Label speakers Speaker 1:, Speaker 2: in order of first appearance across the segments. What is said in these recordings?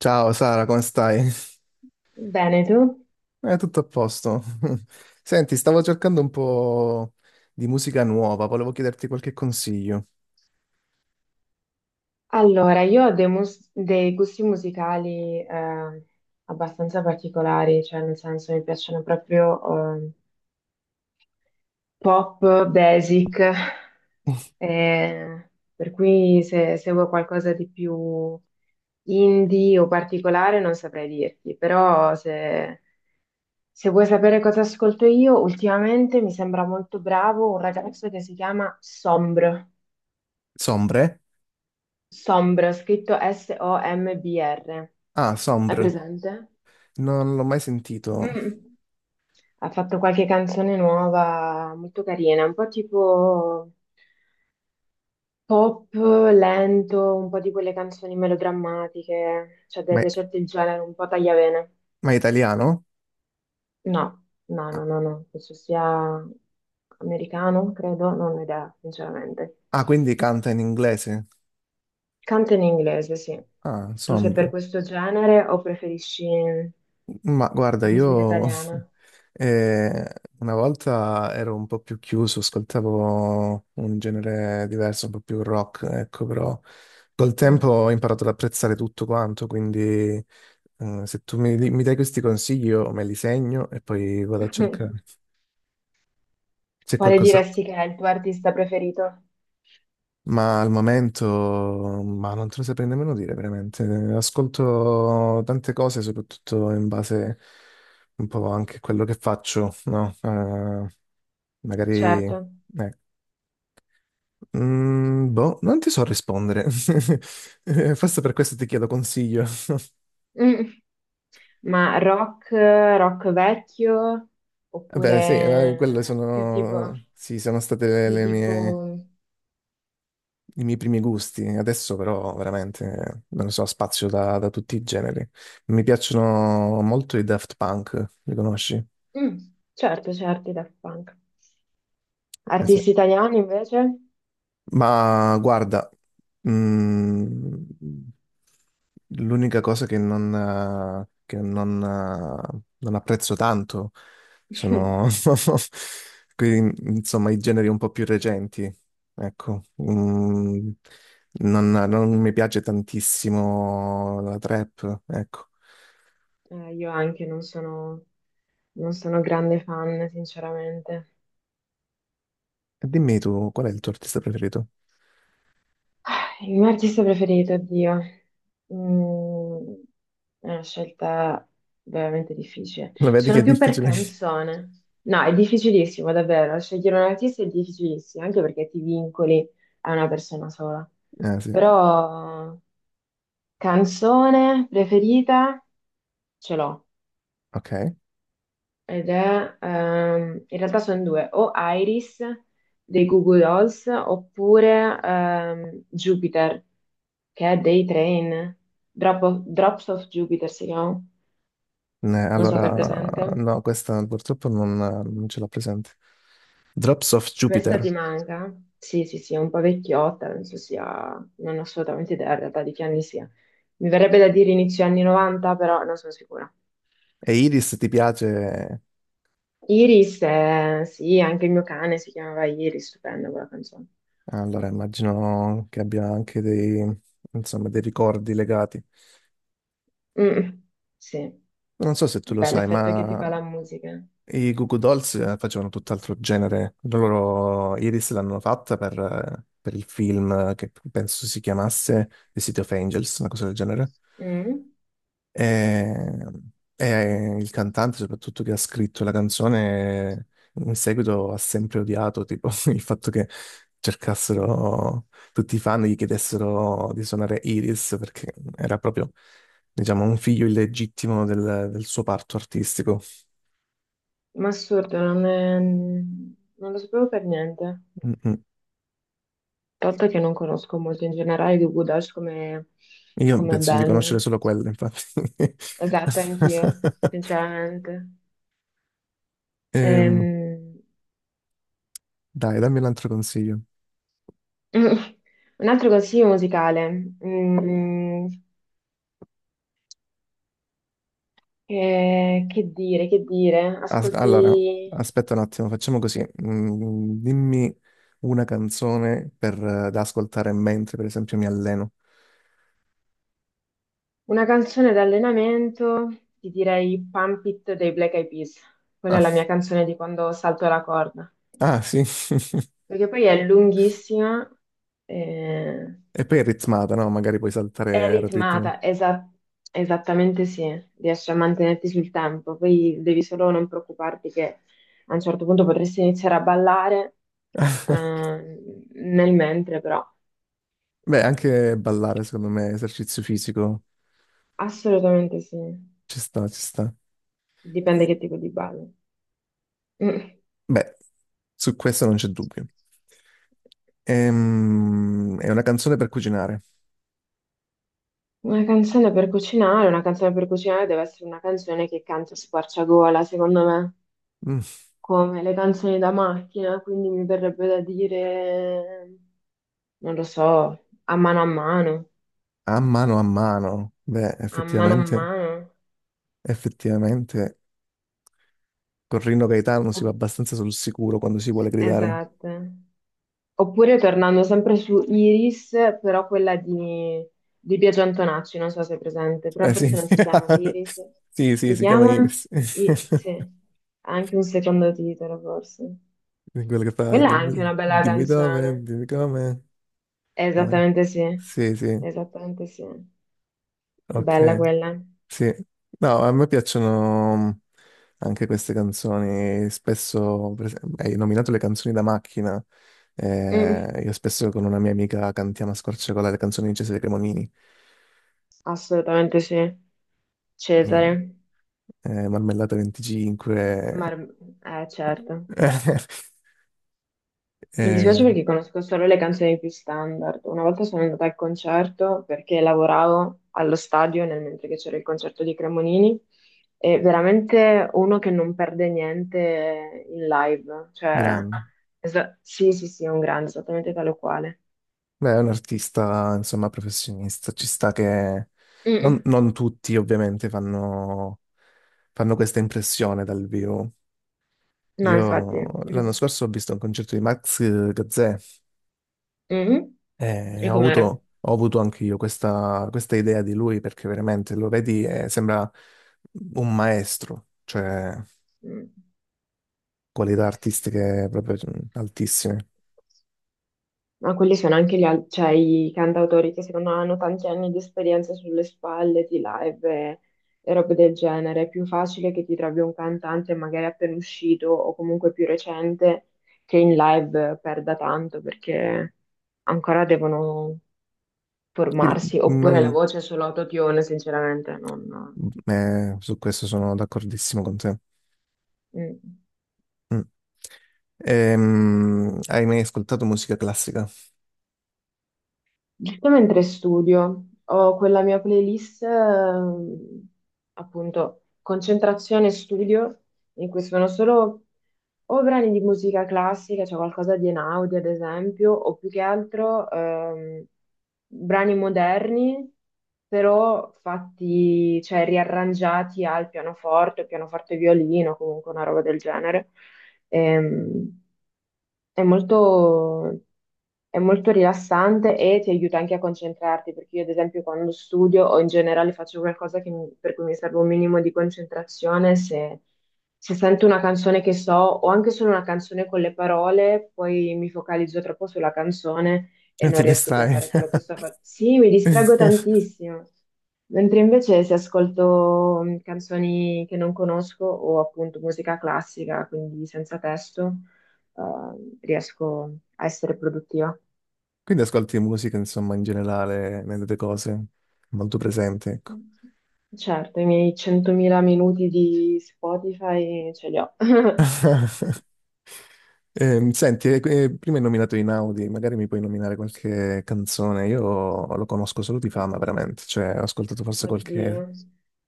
Speaker 1: Ciao Sara, come stai?
Speaker 2: Bene, tu?
Speaker 1: Tutto a posto. Senti, stavo cercando un po' di musica nuova, volevo chiederti qualche consiglio.
Speaker 2: Allora, io ho dei gusti musicali abbastanza particolari, cioè nel senso mi piacciono proprio pop, basic, eh, per cui se seguo qualcosa di più indie o particolare non saprei dirti, però se vuoi sapere cosa ascolto io, ultimamente mi sembra molto bravo un ragazzo che si chiama Sombr.
Speaker 1: Sombre?
Speaker 2: Sombra, scritto S-O-M-B-R.
Speaker 1: Ah,
Speaker 2: Hai
Speaker 1: Sombre.
Speaker 2: presente?
Speaker 1: Non l'ho mai sentito.
Speaker 2: Mm. Ha fatto qualche canzone nuova, molto carina, un po' tipo pop lento, un po' di quelle canzoni melodrammatiche, cioè deve
Speaker 1: Ma è,
Speaker 2: piacerti il genere, un po' tagliavene.
Speaker 1: ma è italiano?
Speaker 2: No, no,
Speaker 1: Ah,
Speaker 2: no, no, no, penso sia americano, credo, non ho idea, sinceramente.
Speaker 1: ah, quindi canta in inglese.
Speaker 2: Canta in inglese, sì.
Speaker 1: Ah,
Speaker 2: Tu sei per
Speaker 1: Sombre.
Speaker 2: questo genere o preferisci
Speaker 1: Ma guarda,
Speaker 2: musica
Speaker 1: io
Speaker 2: italiana?
Speaker 1: eh, una volta ero un po' più chiuso, ascoltavo un genere diverso, un po' più rock, ecco, però col tempo
Speaker 2: Mm.
Speaker 1: ho imparato ad apprezzare tutto quanto, quindi se tu mi dai questi consigli io me li segno e poi vado a
Speaker 2: Quale
Speaker 1: cercare. C'è qualcosa?
Speaker 2: diresti che è il tuo artista preferito?
Speaker 1: Ma non te lo saprei nemmeno dire veramente. Ascolto tante cose, soprattutto in base un po' anche a quello che faccio, no? Magari,
Speaker 2: Certo.
Speaker 1: eh, boh, non ti so rispondere. Forse per questo ti chiedo consiglio.
Speaker 2: Mm. Ma rock, rock vecchio,
Speaker 1: Vabbè, sì,
Speaker 2: oppure
Speaker 1: sì, sono state
Speaker 2: più
Speaker 1: le mie
Speaker 2: tipo...
Speaker 1: i miei primi gusti. Adesso però veramente non lo so, spazio da tutti i generi. Mi piacciono molto i Daft Punk, li conosci?
Speaker 2: Mm, certo, certo, i Daft Punk.
Speaker 1: Eh sì.
Speaker 2: Artisti italiani invece?
Speaker 1: Ma guarda, mm, l'unica cosa che non, non apprezzo tanto sono insomma, i generi un po' più recenti. Ecco, non mi piace tantissimo la trap, ecco.
Speaker 2: Io anche non sono, non sono grande fan, sinceramente.
Speaker 1: E dimmi tu, qual è il tuo artista preferito?
Speaker 2: Il mio artista preferito, oddio, mm, è una scelta veramente difficile.
Speaker 1: Lo vedi che è
Speaker 2: Sono più per
Speaker 1: difficile?
Speaker 2: canzone. No, è difficilissimo, davvero. Scegliere un artista è difficilissimo, anche perché ti vincoli a una persona sola.
Speaker 1: Ah, sì,
Speaker 2: Però canzone preferita ce l'ho.
Speaker 1: ok.
Speaker 2: Ed è, in realtà sono due, o Iris dei Goo Goo Dolls oppure Jupiter, che è dei train, Drops of Jupiter si chiama, non so se è presente.
Speaker 1: Allora, no, questa purtroppo non ce l'ho presente. Drops of
Speaker 2: Questa
Speaker 1: Jupiter.
Speaker 2: ti manca? Sì, sì, sì, è un po' vecchiotta, non so sia, non ho assolutamente idea in realtà di che anni sia. Mi verrebbe da dire inizio anni 90, però non sono sicura.
Speaker 1: E Iris ti piace?
Speaker 2: Iris, sì, anche il mio cane si chiamava Iris, stupenda quella canzone.
Speaker 1: Allora, immagino che abbia anche insomma, dei ricordi legati.
Speaker 2: Mm, sì,
Speaker 1: Non so se tu lo
Speaker 2: vabbè,
Speaker 1: sai,
Speaker 2: l'effetto che ti
Speaker 1: ma
Speaker 2: fa la musica.
Speaker 1: i Goo Goo Dolls facevano tutt'altro genere. Loro Iris l'hanno fatta per il film che penso si chiamasse The City of Angels, una cosa del genere.
Speaker 2: Mm,
Speaker 1: E, e il cantante, soprattutto che ha scritto la canzone, in seguito ha sempre odiato, tipo, il fatto che cercassero tutti i fan, gli chiedessero di suonare Iris, perché era proprio, diciamo, un figlio illegittimo del suo parto artistico.
Speaker 2: ma assurdo, non lo sapevo per niente.
Speaker 1: Mm, mm.
Speaker 2: Tanto che non conosco molto in generale i Goo Goo Dolls
Speaker 1: Io
Speaker 2: come
Speaker 1: penso di conoscere
Speaker 2: band.
Speaker 1: solo quella, infatti.
Speaker 2: Esatto, anch'io, sinceramente.
Speaker 1: Ehm,
Speaker 2: Ehm,
Speaker 1: dai, dammi un altro consiglio.
Speaker 2: Un altro consiglio musicale. Mm, che dire, che dire?
Speaker 1: Allora,
Speaker 2: Ascolti
Speaker 1: aspetta un attimo, facciamo così. Mm, dimmi una canzone per, da ascoltare mentre, per esempio, mi alleno.
Speaker 2: una canzone d'allenamento, ti direi Pump It dei Black Eyed Peas. Quella è la
Speaker 1: Ah,
Speaker 2: mia canzone di quando salto la corda.
Speaker 1: ah, sì.
Speaker 2: Perché poi è lunghissima. eh,
Speaker 1: E poi è ritmata, no? Magari puoi
Speaker 2: È
Speaker 1: saltare al ritmo.
Speaker 2: ritmata, esattamente sì, riesci a mantenerti sul tempo, poi devi solo non preoccuparti che a un certo punto potresti iniziare a ballare eh, nel mentre, però
Speaker 1: Beh, anche ballare, secondo me, esercizio fisico,
Speaker 2: assolutamente sì,
Speaker 1: ci sta, ci sta.
Speaker 2: dipende
Speaker 1: Eh,
Speaker 2: che tipo di ballo. Mm.
Speaker 1: beh, su questo non c'è dubbio. È una canzone per cucinare.
Speaker 2: Una canzone per cucinare, una canzone per cucinare deve essere una canzone che canta a squarciagola, secondo me,
Speaker 1: Mm,
Speaker 2: come le canzoni da macchina, quindi mi verrebbe da dire... non lo so, a mano a mano,
Speaker 1: a mano a mano. Beh,
Speaker 2: a mano a
Speaker 1: effettivamente,
Speaker 2: mano.
Speaker 1: effettivamente. Con Rino Gaetano si va
Speaker 2: Opp-
Speaker 1: abbastanza sul sicuro quando si vuole gridare.
Speaker 2: Esatto. Oppure tornando sempre su Iris, però di Biagio Antonacci, non so se è presente, però
Speaker 1: Eh sì,
Speaker 2: forse non si chiama Iris,
Speaker 1: sì, sì,
Speaker 2: si
Speaker 1: si chiama
Speaker 2: chiama?
Speaker 1: Iris.
Speaker 2: Sì, ha anche un secondo titolo forse.
Speaker 1: Quello che fa,
Speaker 2: Quella è anche
Speaker 1: dimmi,
Speaker 2: una bella
Speaker 1: dimmi dove,
Speaker 2: canzone.
Speaker 1: dimmi come. Ah,
Speaker 2: Esattamente sì,
Speaker 1: sì, sì,
Speaker 2: esattamente sì. Bella
Speaker 1: ok,
Speaker 2: quella.
Speaker 1: sì. No, a me piacciono anche queste canzoni. Spesso, per esempio, hai nominato le canzoni da macchina.
Speaker 2: Mm,
Speaker 1: Io spesso con una mia amica cantiamo a squarciagola le canzoni di Cesare Cremonini.
Speaker 2: assolutamente sì.
Speaker 1: Eh,
Speaker 2: Cesare.
Speaker 1: Marmellata 25.
Speaker 2: Mar- eh, certo. Mi dispiace
Speaker 1: Eh,
Speaker 2: perché conosco solo le canzoni più standard. Una volta sono andata al concerto perché lavoravo allo stadio nel mentre che c'era il concerto di Cremonini e veramente uno che non perde niente in live. Cioè,
Speaker 1: grande.
Speaker 2: sì, sì, sì, è un grande, esattamente tale o quale.
Speaker 1: Beh, è un artista, insomma, professionista. Ci sta che
Speaker 2: Mm.
Speaker 1: non tutti, ovviamente, fanno questa impressione dal vivo.
Speaker 2: No, infatti.
Speaker 1: Io l'anno scorso ho visto un concerto di Max Gazzè
Speaker 2: Mhm.
Speaker 1: e
Speaker 2: E com'era?
Speaker 1: ho avuto anche io questa idea di lui perché veramente lo vedi e sembra un maestro, cioè
Speaker 2: Mm.
Speaker 1: qualità artistiche proprio altissime.
Speaker 2: Ma quelli sono anche cioè, i cantautori che secondo me hanno tanti anni di esperienza sulle spalle, di e robe del genere. È più facile che ti trovi un cantante magari appena uscito o comunque più recente che in live perda tanto perché ancora devono
Speaker 1: Io
Speaker 2: formarsi. Oppure la
Speaker 1: non-
Speaker 2: voce è solo autotune, sinceramente, non...
Speaker 1: Su questo sono d'accordissimo con te.
Speaker 2: mm.
Speaker 1: Mm. Hai mai ascoltato musica classica?
Speaker 2: Giusto mentre studio, ho quella mia playlist, appunto, concentrazione e studio, in cui sono solo o brani di musica classica, cioè qualcosa di Einaudi, ad esempio, o più che altro brani moderni, però fatti, cioè riarrangiati al pianoforte, pianoforte e violino, comunque una roba del genere. Ehm, è molto, è molto rilassante e ti aiuta anche a concentrarti, perché io ad esempio quando studio o in generale faccio qualcosa per cui mi serve un minimo di concentrazione, se sento una canzone che so o anche solo una canzone con le parole, poi mi focalizzo troppo sulla canzone e non
Speaker 1: Ti
Speaker 2: riesco più a
Speaker 1: distrai?
Speaker 2: fare quello che sto facendo. Sì, mi distraggo tantissimo. Mentre invece se ascolto canzoni che non conosco o appunto musica classica, quindi senza testo, riesco a essere produttiva.
Speaker 1: Quindi ascolti musica, insomma, in generale, nelle tue cose, molto presente, ecco.
Speaker 2: Certo, i miei 100.000 minuti di Spotify ce li ho.
Speaker 1: Prima hai nominato Inaudi, magari mi puoi nominare qualche canzone. Io lo conosco solo di fama, veramente. Cioè, ho ascoltato forse
Speaker 2: Oddio.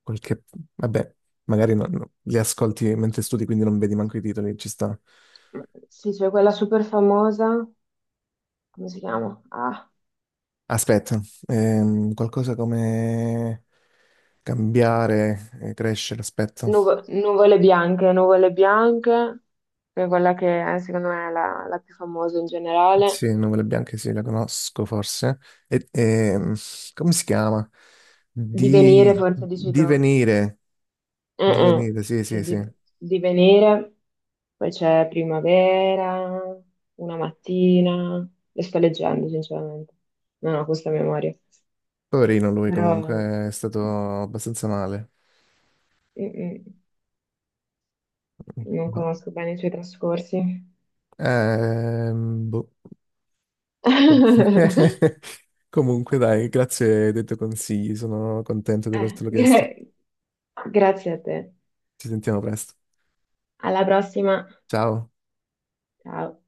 Speaker 1: qualche... Vabbè, magari li ascolti mentre studi, quindi non vedi manco i titoli, ci sta.
Speaker 2: Sì, c'è quella super famosa, come si chiama? Ah,
Speaker 1: Aspetta, qualcosa come cambiare, crescere, aspetta.
Speaker 2: Nuvole Bianche, Nuvole Bianche, che è quella che è, secondo me è la più famosa in
Speaker 1: Sì,
Speaker 2: generale.
Speaker 1: Nuvole Bianche sì, la conosco forse. E, ehm, come si chiama?
Speaker 2: Divenire, forse dici tu.
Speaker 1: Divenire,
Speaker 2: Mm-mm.
Speaker 1: divenire, sì,
Speaker 2: Sì,
Speaker 1: sì, sì.
Speaker 2: di venire, poi c'è primavera, una mattina, le sto leggendo sinceramente, non ho questa memoria,
Speaker 1: Poverino lui
Speaker 2: però
Speaker 1: comunque, è stato abbastanza male.
Speaker 2: mm-mm, non
Speaker 1: No.
Speaker 2: conosco bene i suoi trascorsi.
Speaker 1: Boh. Oh. Comunque dai, grazie dei tuoi consigli, sono contento di
Speaker 2: Eh,
Speaker 1: avertelo chiesto.
Speaker 2: gra- Grazie a te,
Speaker 1: Ci sentiamo presto.
Speaker 2: alla prossima,
Speaker 1: Ciao.
Speaker 2: ciao.